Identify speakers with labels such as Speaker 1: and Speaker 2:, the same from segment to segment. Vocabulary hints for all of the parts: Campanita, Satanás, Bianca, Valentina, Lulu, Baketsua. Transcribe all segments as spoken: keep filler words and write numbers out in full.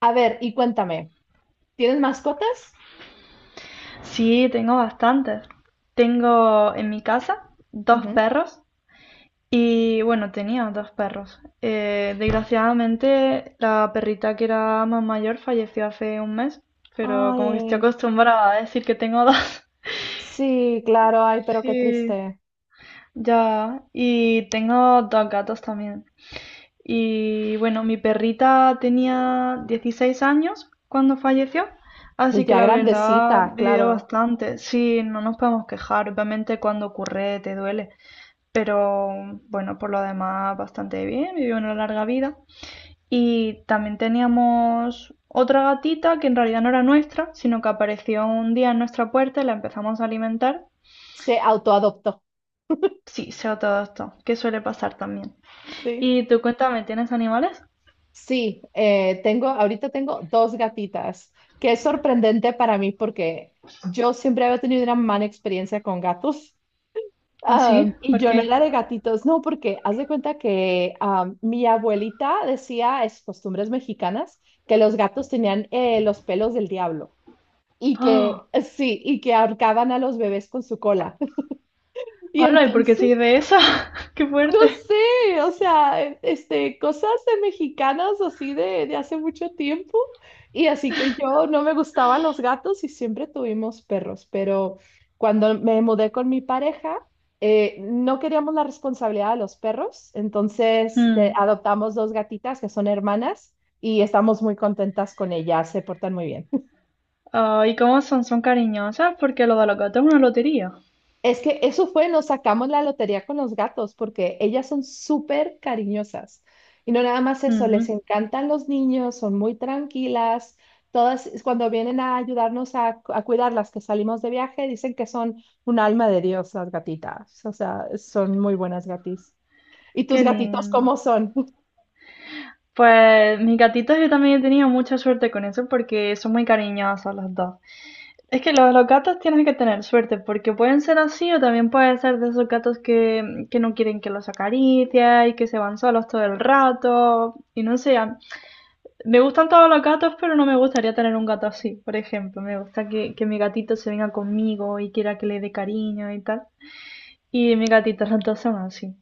Speaker 1: A ver, y cuéntame, ¿tienes mascotas?
Speaker 2: Sí, tengo bastantes. Tengo en mi casa dos
Speaker 1: Ujú.
Speaker 2: perros y bueno, tenía dos perros. Eh, desgraciadamente la perrita que era más mayor falleció hace un mes, pero como que estoy
Speaker 1: Ay,
Speaker 2: acostumbrada a decir que tengo dos.
Speaker 1: sí, claro, ay, pero qué
Speaker 2: Sí,
Speaker 1: triste.
Speaker 2: ya. Y tengo dos gatos también. Y bueno, mi perrita tenía dieciséis años cuando falleció,
Speaker 1: Pues
Speaker 2: así que
Speaker 1: ya
Speaker 2: la verdad
Speaker 1: grandecita,
Speaker 2: vivió
Speaker 1: claro.
Speaker 2: bastante. Sí, no nos podemos quejar, obviamente cuando ocurre te duele, pero bueno, por lo demás bastante bien, vivió una larga vida. Y también teníamos otra gatita que en realidad no era nuestra, sino que apareció un día en nuestra puerta y la empezamos a alimentar.
Speaker 1: Se autoadoptó.
Speaker 2: Sí, sé todo esto, que suele pasar también.
Speaker 1: Sí.
Speaker 2: Y tú cuéntame, ¿tienes animales?
Speaker 1: Sí, eh, tengo, ahorita tengo dos gatitas, que es sorprendente para mí porque yo siempre había tenido una mala experiencia con gatos.
Speaker 2: ¿Ah, sí?
Speaker 1: Am, y
Speaker 2: ¿Por
Speaker 1: yo no
Speaker 2: qué?
Speaker 1: era de gatitos, no, porque haz de cuenta que am, mi abuelita decía, es costumbres mexicanas, que los gatos tenían eh, los pelos del diablo. y
Speaker 2: ¡Oh!
Speaker 1: que, sí, y que ahorcaban a los bebés con su cola. Y
Speaker 2: Hola, ¿y por qué
Speaker 1: entonces,
Speaker 2: soy de esa? ¡Qué
Speaker 1: no
Speaker 2: fuerte!
Speaker 1: sé, o sea, e- este, cosas de mexicanas así de, de hace mucho tiempo. Y así que yo no me gustaban los gatos y siempre tuvimos perros, pero cuando me mudé con mi pareja, eh, no queríamos la responsabilidad de los perros, entonces te-
Speaker 2: Hmm.
Speaker 1: adoptamos dos gatitas que son hermanas y estamos muy contentas con ellas, se portan muy bien.
Speaker 2: Ah, ¿y cómo son? ¿Son cariñosas? Porque lo de los gatos es una lotería.
Speaker 1: Es que eso fue, nos sacamos la lotería con los gatos porque ellas son súper cariñosas. Y no nada más eso,
Speaker 2: Hmm,
Speaker 1: les encantan los niños, son muy tranquilas. Todas cuando vienen a ayudarnos a, cu- a cuidarlas que salimos de viaje, dicen que son un alma de Dios las gatitas. O sea, son muy buenas gatis. ¿Y tus
Speaker 2: ¡qué
Speaker 1: gatitos
Speaker 2: lindo!
Speaker 1: cómo son?
Speaker 2: Pues mis gatitas yo también he tenido mucha suerte con eso porque son muy cariñosas las dos. Es que lo de los gatos tienes que tener suerte porque pueden ser así o también pueden ser de esos gatos que, que no quieren que los acaricies y que se van solos todo el rato. Y no sé, a- me gustan todos los gatos, pero no me gustaría tener un gato así, por ejemplo. Me gusta que, que mi gatito se venga conmigo y quiera que le dé cariño y tal. Y mis gatitos, las dos son así.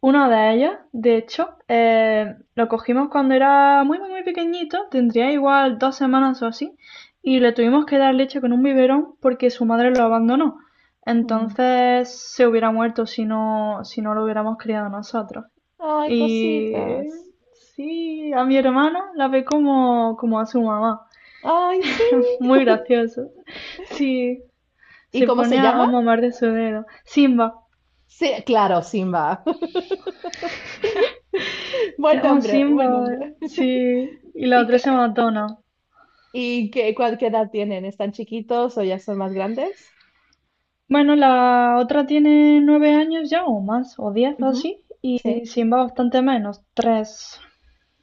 Speaker 2: Una de ellas, de hecho, eh, lo cogimos cuando era muy, muy, muy pequeñito, tendría igual dos semanas o así, y le tuvimos que dar leche con un biberón porque su madre lo abandonó.
Speaker 1: Mm.
Speaker 2: Entonces se hubiera muerto si no, si no lo hubiéramos criado nosotros.
Speaker 1: Ay,
Speaker 2: Y
Speaker 1: cositas.
Speaker 2: sí, a mi hermana la ve como, como a su mamá.
Speaker 1: Ay, sí.
Speaker 2: Muy gracioso. Sí,
Speaker 1: ¿Y
Speaker 2: se
Speaker 1: cómo
Speaker 2: pone
Speaker 1: se
Speaker 2: a, a
Speaker 1: llama?
Speaker 2: mamar de su dedo. Simba.
Speaker 1: Sí, claro, Simba.
Speaker 2: Se
Speaker 1: Buen
Speaker 2: llama
Speaker 1: nombre, buen
Speaker 2: Simba,
Speaker 1: nombre.
Speaker 2: sí. Y la
Speaker 1: ¿Y
Speaker 2: otra se llama Donna.
Speaker 1: ¿Y qué, cuál, qué edad tienen? ¿Están chiquitos o ya son más grandes?
Speaker 2: Bueno, la otra tiene nueve años ya, o más, o diez, o
Speaker 1: Ujú.
Speaker 2: así. Y
Speaker 1: Sí.
Speaker 2: Simba bastante menos, tres.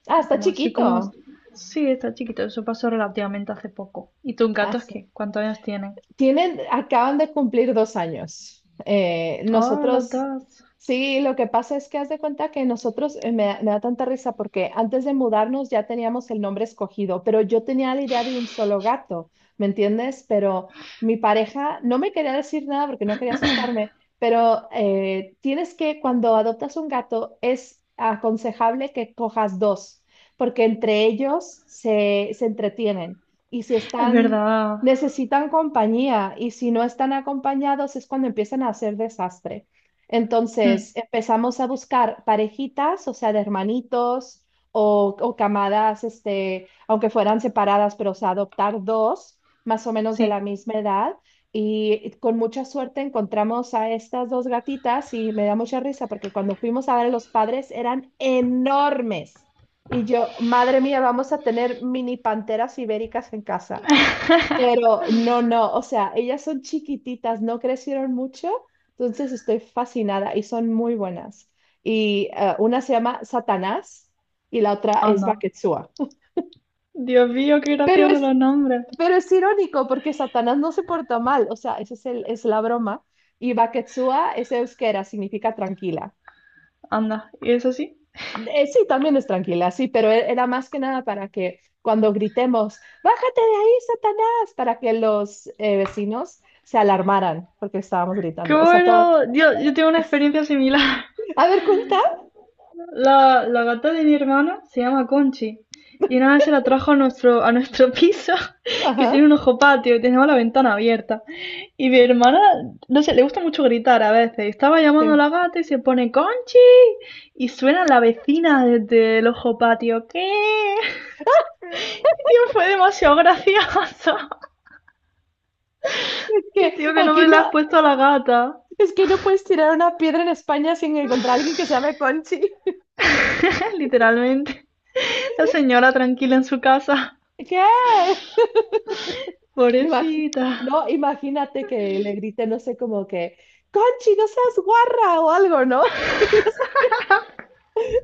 Speaker 1: Ah, está
Speaker 2: Como así, como...
Speaker 1: chiquito.
Speaker 2: Sí, está chiquito, eso pasó relativamente hace poco. ¿Y tus
Speaker 1: Ah,
Speaker 2: gatos
Speaker 1: sí.
Speaker 2: qué? ¿Cuántos años tienen?
Speaker 1: Tienen, acaban de cumplir dos años. Eh,
Speaker 2: Ah, las
Speaker 1: nosotros,
Speaker 2: dos.
Speaker 1: sí, lo que pasa es que haz de cuenta que nosotros, eh, me, da me da tanta risa porque antes de mudarnos ya teníamos el nombre escogido, pero yo tenía la idea de un solo gato, ¿me entiendes? Pero mi pareja no me quería decir nada porque no quería asustarme, pero eh, tienes que, cuando adoptas un gato, es aconsejable que cojas dos, porque entre ellos se, se entretienen. Y si
Speaker 2: Es
Speaker 1: están
Speaker 2: verdad.
Speaker 1: necesitan compañía y si no están acompañados es cuando empiezan a hacer desastre.
Speaker 2: Mm,
Speaker 1: Entonces empezamos a buscar parejitas, o sea, de hermanitos o, o camadas, este, aunque fueran separadas, pero o sea, adoptar dos más o menos de la
Speaker 2: sí,
Speaker 1: misma edad. Y con mucha suerte encontramos a estas dos gatitas y me da mucha risa porque cuando fuimos a ver a los padres eran enormes. Y yo, madre mía, vamos a tener mini panteras ibéricas en casa. Pero no, no, o sea, ellas son chiquititas, no crecieron mucho, entonces estoy fascinada y son muy buenas. Y eh, una se llama Satanás y la otra es
Speaker 2: anda.
Speaker 1: Baketsua.
Speaker 2: Dios mío, qué
Speaker 1: Pero
Speaker 2: graciosos
Speaker 1: es,
Speaker 2: los nombres.
Speaker 1: pero es irónico porque Satanás no se porta mal, o sea, esa es, el- es la broma. Y Baketsua es euskera, significa tranquila.
Speaker 2: Anda, ¿y eso sí?
Speaker 1: Eh, sí, también es tranquila, sí, pero e- era más que nada para que cuando gritemos, bájate de ahí, Satanás, para que los eh, vecinos se alarmaran porque estábamos
Speaker 2: ¡Qué
Speaker 1: gritando. O sea, todo.
Speaker 2: bueno! Dios, yo tengo una experiencia similar.
Speaker 1: A ver, cuenta.
Speaker 2: La, la gata de mi hermana se llama Conchi. Y una vez se la trajo a nuestro, a nuestro piso, que tiene
Speaker 1: Ajá.
Speaker 2: un ojo patio y tenemos la ventana abierta. Y mi hermana, no sé, le gusta mucho gritar a veces. Estaba llamando a
Speaker 1: Sí.
Speaker 2: la gata y se pone Conchi. Y suena la vecina desde el ojo patio. ¿Qué? Tío, fue demasiado gracioso.
Speaker 1: Es
Speaker 2: Yo,
Speaker 1: que
Speaker 2: tío, ¿qué
Speaker 1: aquí
Speaker 2: nombre le
Speaker 1: no,
Speaker 2: has puesto a la gata?
Speaker 1: es que no puedes tirar una piedra en España sin encontrar a alguien que se llame Conchi.
Speaker 2: Literalmente. La señora tranquila en su casa.
Speaker 1: ¿Qué? Imagi-
Speaker 2: Pobrecita.
Speaker 1: no, imagínate que le grite, no sé, como que, Conchi, no seas guarra o algo, ¿no?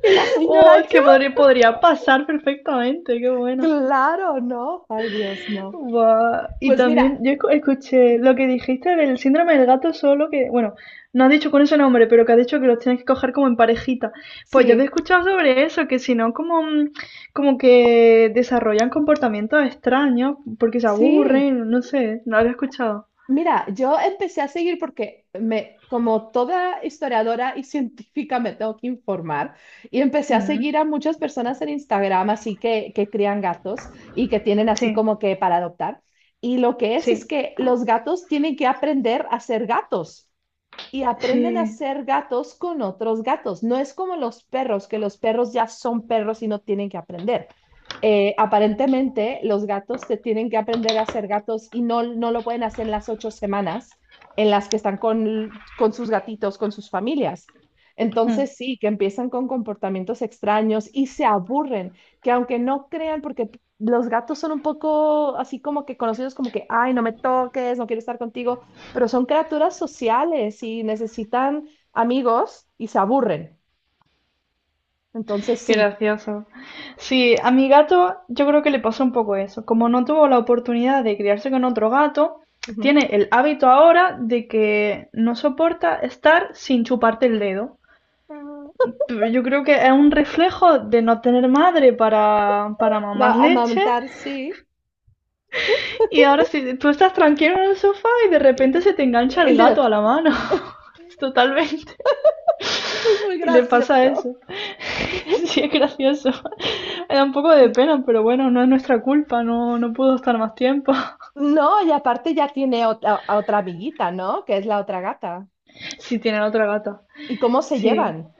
Speaker 1: Y la
Speaker 2: Oh,
Speaker 1: señora...
Speaker 2: es que podría, podría pasar perfectamente, qué bueno.
Speaker 1: Claro, no. Ay, Dios, no.
Speaker 2: Buah, y
Speaker 1: Pues
Speaker 2: también
Speaker 1: mira,
Speaker 2: yo escuché lo que dijiste del síndrome del gato solo, que, bueno, no has dicho con ese nombre, pero que has dicho que los tienes que coger como en parejita. Pues yo había
Speaker 1: sí,
Speaker 2: escuchado sobre eso, que si no, como, mm, como que desarrollan comportamientos extraños porque se
Speaker 1: sí.
Speaker 2: aburren, no sé, no lo había escuchado.
Speaker 1: Mira, yo empecé a seguir porque me, como toda historiadora y científica, me tengo que informar y empecé a
Speaker 2: Mm.
Speaker 1: seguir a muchas personas en Instagram, así que, que crían gatos y que tienen así
Speaker 2: Sí,
Speaker 1: como que para adoptar. Y lo que es es
Speaker 2: sí,
Speaker 1: que los gatos tienen que aprender a ser gatos, y aprenden a
Speaker 2: sí.
Speaker 1: ser gatos con otros gatos. No es como los perros, que los perros ya son perros y no tienen que aprender. Eh, aparentemente, los gatos se tienen que aprender a ser gatos y no, no lo pueden hacer en las ocho semanas en las que están con, con sus gatitos, con sus familias.
Speaker 2: Hmm,
Speaker 1: Entonces, sí, que empiezan con comportamientos extraños y se aburren, que aunque no crean, porque los gatos son un poco así como que conocidos como que, ay, no me toques, no quiero estar contigo, pero son criaturas sociales y necesitan amigos y se aburren. Entonces,
Speaker 2: qué
Speaker 1: sí.
Speaker 2: gracioso. Sí, a mi gato yo creo que le pasó un poco eso. Como no tuvo la oportunidad de criarse con otro gato,
Speaker 1: Ujú.
Speaker 2: tiene el hábito ahora de que no soporta estar sin chuparte el dedo. Pero yo creo que es un reflejo de no tener madre para, para
Speaker 1: Va
Speaker 2: mamar
Speaker 1: a
Speaker 2: leche.
Speaker 1: amamantar, sí.
Speaker 2: Y ahora si tú estás tranquilo en el sofá y de
Speaker 1: Eh,
Speaker 2: repente se te engancha
Speaker 1: El
Speaker 2: el
Speaker 1: dedo.
Speaker 2: gato a la mano. Totalmente.
Speaker 1: Eso es muy
Speaker 2: Y le pasa
Speaker 1: gracioso.
Speaker 2: eso. Sí, es gracioso. Me da un poco de pena, pero bueno, no es nuestra culpa, no, no pudo estar más tiempo.
Speaker 1: No, y aparte ya tiene otra, a otra amiguita, ¿no? Que es la otra gata.
Speaker 2: Sí, tienen otra gata.
Speaker 1: ¿Y cómo se
Speaker 2: Sí.
Speaker 1: llevan?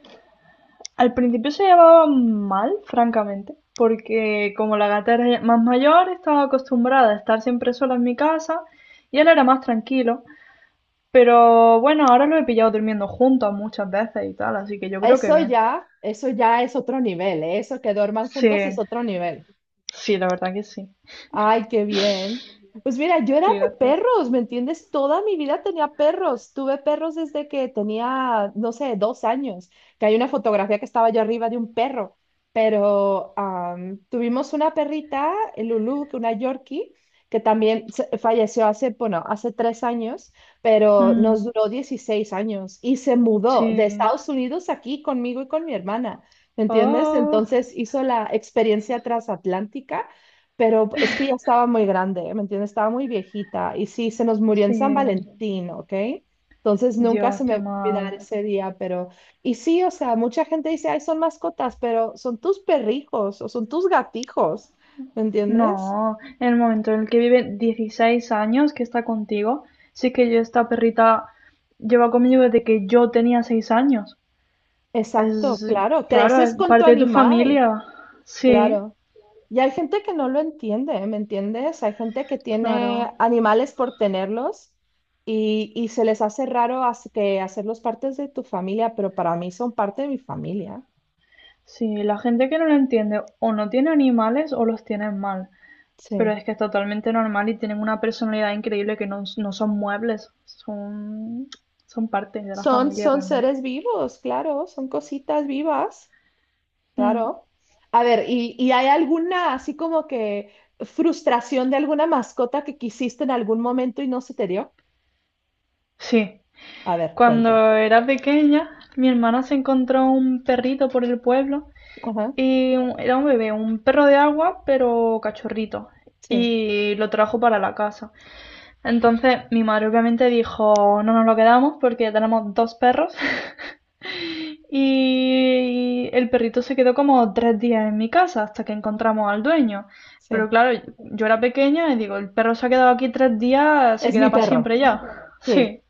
Speaker 2: Al principio se llevaban mal, francamente, porque como la gata era ya más mayor, estaba acostumbrada a estar siempre sola en mi casa y él era más tranquilo. Pero bueno, ahora lo he pillado durmiendo juntos muchas veces y tal, así que yo creo que
Speaker 1: Eso
Speaker 2: bien.
Speaker 1: ya, eso ya es otro nivel, ¿eh? Eso que duerman
Speaker 2: Sí,
Speaker 1: juntos es otro nivel.
Speaker 2: sí, la verdad que sí.
Speaker 1: Ay, qué bien. Pues mira, yo era
Speaker 2: Qué
Speaker 1: de
Speaker 2: gracioso.
Speaker 1: perros, ¿me entiendes? Toda mi vida tenía perros. Tuve perros desde que tenía, no sé, dos años, que hay una fotografía que estaba yo arriba de un perro. Pero am, tuvimos una perrita, eh, Lulu, que una Yorkie, que también se- falleció hace, bueno, hace tres años, pero
Speaker 2: Mm,
Speaker 1: nos duró dieciséis años y se mudó de
Speaker 2: sí.
Speaker 1: Estados Unidos aquí conmigo y con mi hermana, ¿me entiendes?
Speaker 2: Oh,
Speaker 1: Entonces hizo la experiencia transatlántica, pero es que ya estaba muy grande, ¿eh? ¿Me entiendes? Estaba muy viejita. Y sí, se nos murió en San
Speaker 2: sí.
Speaker 1: Valentín, ¿ok? Entonces nunca
Speaker 2: Dios,
Speaker 1: se me
Speaker 2: qué
Speaker 1: va a olvidar
Speaker 2: mal.
Speaker 1: ese día, pero... Y sí, o sea, mucha gente dice, ay, son mascotas, pero son tus perrijos o son tus gatijos, ¿me entiendes?
Speaker 2: No, en el momento en el que vive dieciséis años que está contigo, sí que yo esta perrita lleva conmigo desde que yo tenía seis años.
Speaker 1: Exacto,
Speaker 2: Es,
Speaker 1: claro.
Speaker 2: claro,
Speaker 1: Creces
Speaker 2: es
Speaker 1: con tu
Speaker 2: parte de tu
Speaker 1: animal,
Speaker 2: familia. Sí,
Speaker 1: claro. Y hay gente que no lo entiende, ¿me entiendes? Hay gente que tiene
Speaker 2: claro.
Speaker 1: animales por tenerlos y, y se les hace raro as- que hacerlos partes de tu familia, pero para mí son parte de mi familia.
Speaker 2: Sí, la gente que no lo entiende o no tiene animales o los tiene mal. Pero
Speaker 1: Sí.
Speaker 2: es que es totalmente normal y tienen una personalidad increíble que no, no son muebles, son, son parte de la
Speaker 1: Son,
Speaker 2: familia
Speaker 1: son
Speaker 2: realmente.
Speaker 1: seres vivos, claro, son cositas vivas,
Speaker 2: Mm,
Speaker 1: claro. A ver, ¿y, y hay alguna así como que frustración de alguna mascota que quisiste en algún momento y no se te dio?
Speaker 2: sí,
Speaker 1: A ver, cuenta.
Speaker 2: cuando era pequeña, mi hermana se encontró un perrito por el pueblo
Speaker 1: Ajá,
Speaker 2: y un- era un bebé, un perro de agua, pero cachorrito,
Speaker 1: sí,
Speaker 2: y lo trajo para la casa. Entonces mi madre obviamente dijo, no nos lo quedamos porque tenemos dos perros. Y el perrito se quedó como tres días en mi casa hasta que encontramos al dueño. Pero
Speaker 1: sí.
Speaker 2: claro, yo era pequeña y digo, el perro se ha quedado aquí tres días, se
Speaker 1: Es
Speaker 2: queda
Speaker 1: mi
Speaker 2: para
Speaker 1: perro.
Speaker 2: siempre ya.
Speaker 1: Sí.
Speaker 2: Sí.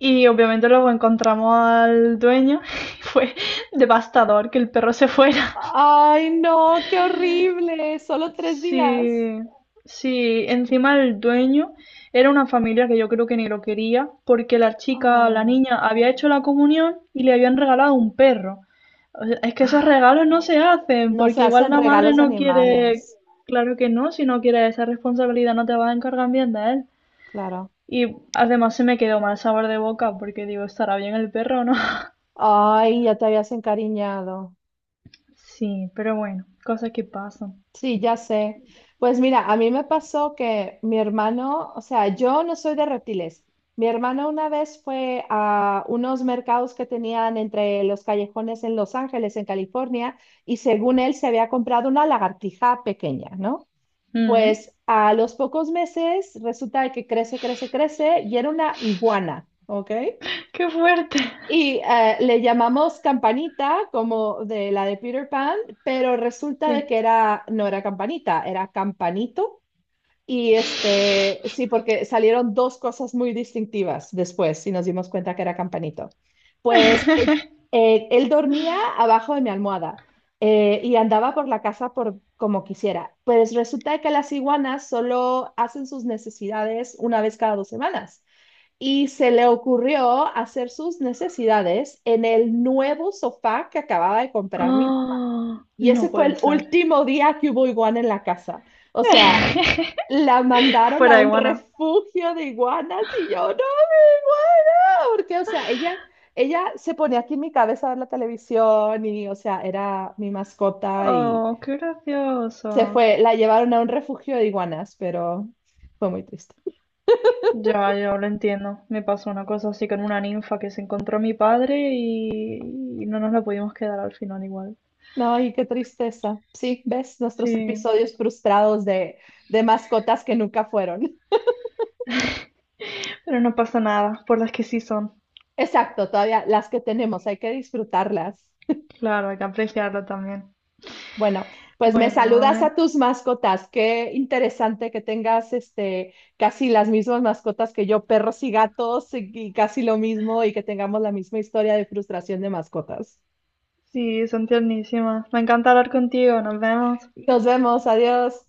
Speaker 2: Y obviamente luego encontramos al dueño y fue devastador que el perro se fuera.
Speaker 1: Ay, no, qué horrible. Solo tres días.
Speaker 2: Sí, sí, encima el dueño era una familia que yo creo que ni lo quería porque la chica, la
Speaker 1: Oh.
Speaker 2: niña, había hecho la comunión y le habían regalado un perro. O sea, es que esos regalos no se hacen
Speaker 1: No se
Speaker 2: porque igual
Speaker 1: hacen
Speaker 2: la madre
Speaker 1: regalos de
Speaker 2: no quiere,
Speaker 1: animales,
Speaker 2: claro que no, si no quiere esa responsabilidad no te vas a encargar bien de él.
Speaker 1: claro.
Speaker 2: Y además se me quedó mal sabor de boca porque digo, ¿estará bien el perro o no?
Speaker 1: Ay, ya te habías encariñado.
Speaker 2: Sí, pero bueno, cosas que pasan.
Speaker 1: Sí, ya sé. Pues mira, a mí me pasó que mi hermano, o sea, yo no soy de reptiles. Mi hermano una vez fue a unos mercados que tenían entre los callejones en Los Ángeles, en California, y según él se había comprado una lagartija pequeña, ¿no?
Speaker 2: Mm,
Speaker 1: Pues a los pocos meses resulta que crece, crece, crece y era una iguana, ¿ok?
Speaker 2: ¡qué fuerte!
Speaker 1: Y eh, le llamamos Campanita como de la de Peter Pan, pero resulta de
Speaker 2: Sí,
Speaker 1: que era, no era Campanita, era Campanito. Y este, sí, porque salieron dos cosas muy distintivas después y nos dimos cuenta que era Campanito. Pues eh, eh, él dormía abajo de mi almohada, eh, y andaba por la casa por como quisiera. Pues resulta que las iguanas solo hacen sus necesidades una vez cada dos semanas. Y se le ocurrió hacer sus necesidades en el nuevo sofá que acababa de comprar mi mamá.
Speaker 2: oh,
Speaker 1: Y ese
Speaker 2: no
Speaker 1: fue
Speaker 2: puede
Speaker 1: el
Speaker 2: ser.
Speaker 1: último día que hubo iguana en la casa. O sea, la mandaron
Speaker 2: fuera
Speaker 1: a
Speaker 2: de
Speaker 1: un
Speaker 2: guana.
Speaker 1: refugio de iguanas y yo, no, igual, porque, o sea, ella, ella se ponía aquí en mi cabeza a ver la televisión y, o sea, era mi mascota y
Speaker 2: Oh, qué
Speaker 1: se
Speaker 2: gracioso.
Speaker 1: fue, la llevaron a un refugio de iguanas, pero fue muy triste.
Speaker 2: Ya, ya lo entiendo. Me pasó una cosa así con una ninfa que se encontró a mi padre y, y no nos la pudimos quedar al final igual.
Speaker 1: No, y qué tristeza. Sí, ves nuestros
Speaker 2: Sí,
Speaker 1: episodios frustrados de, de mascotas que nunca fueron.
Speaker 2: pero no pasa nada, por las que sí son.
Speaker 1: Exacto, todavía las que tenemos, hay que disfrutarlas.
Speaker 2: Claro, hay que apreciarlo también.
Speaker 1: Bueno, pues me
Speaker 2: Bueno,
Speaker 1: saludas
Speaker 2: me-
Speaker 1: a tus mascotas. Qué interesante que tengas este casi las mismas mascotas que yo, perros y gatos, y, y casi lo mismo, y que tengamos la misma historia de frustración de mascotas.
Speaker 2: sí, son tiernísimas. Me encanta hablar contigo, nos vemos.
Speaker 1: Nos vemos, adiós.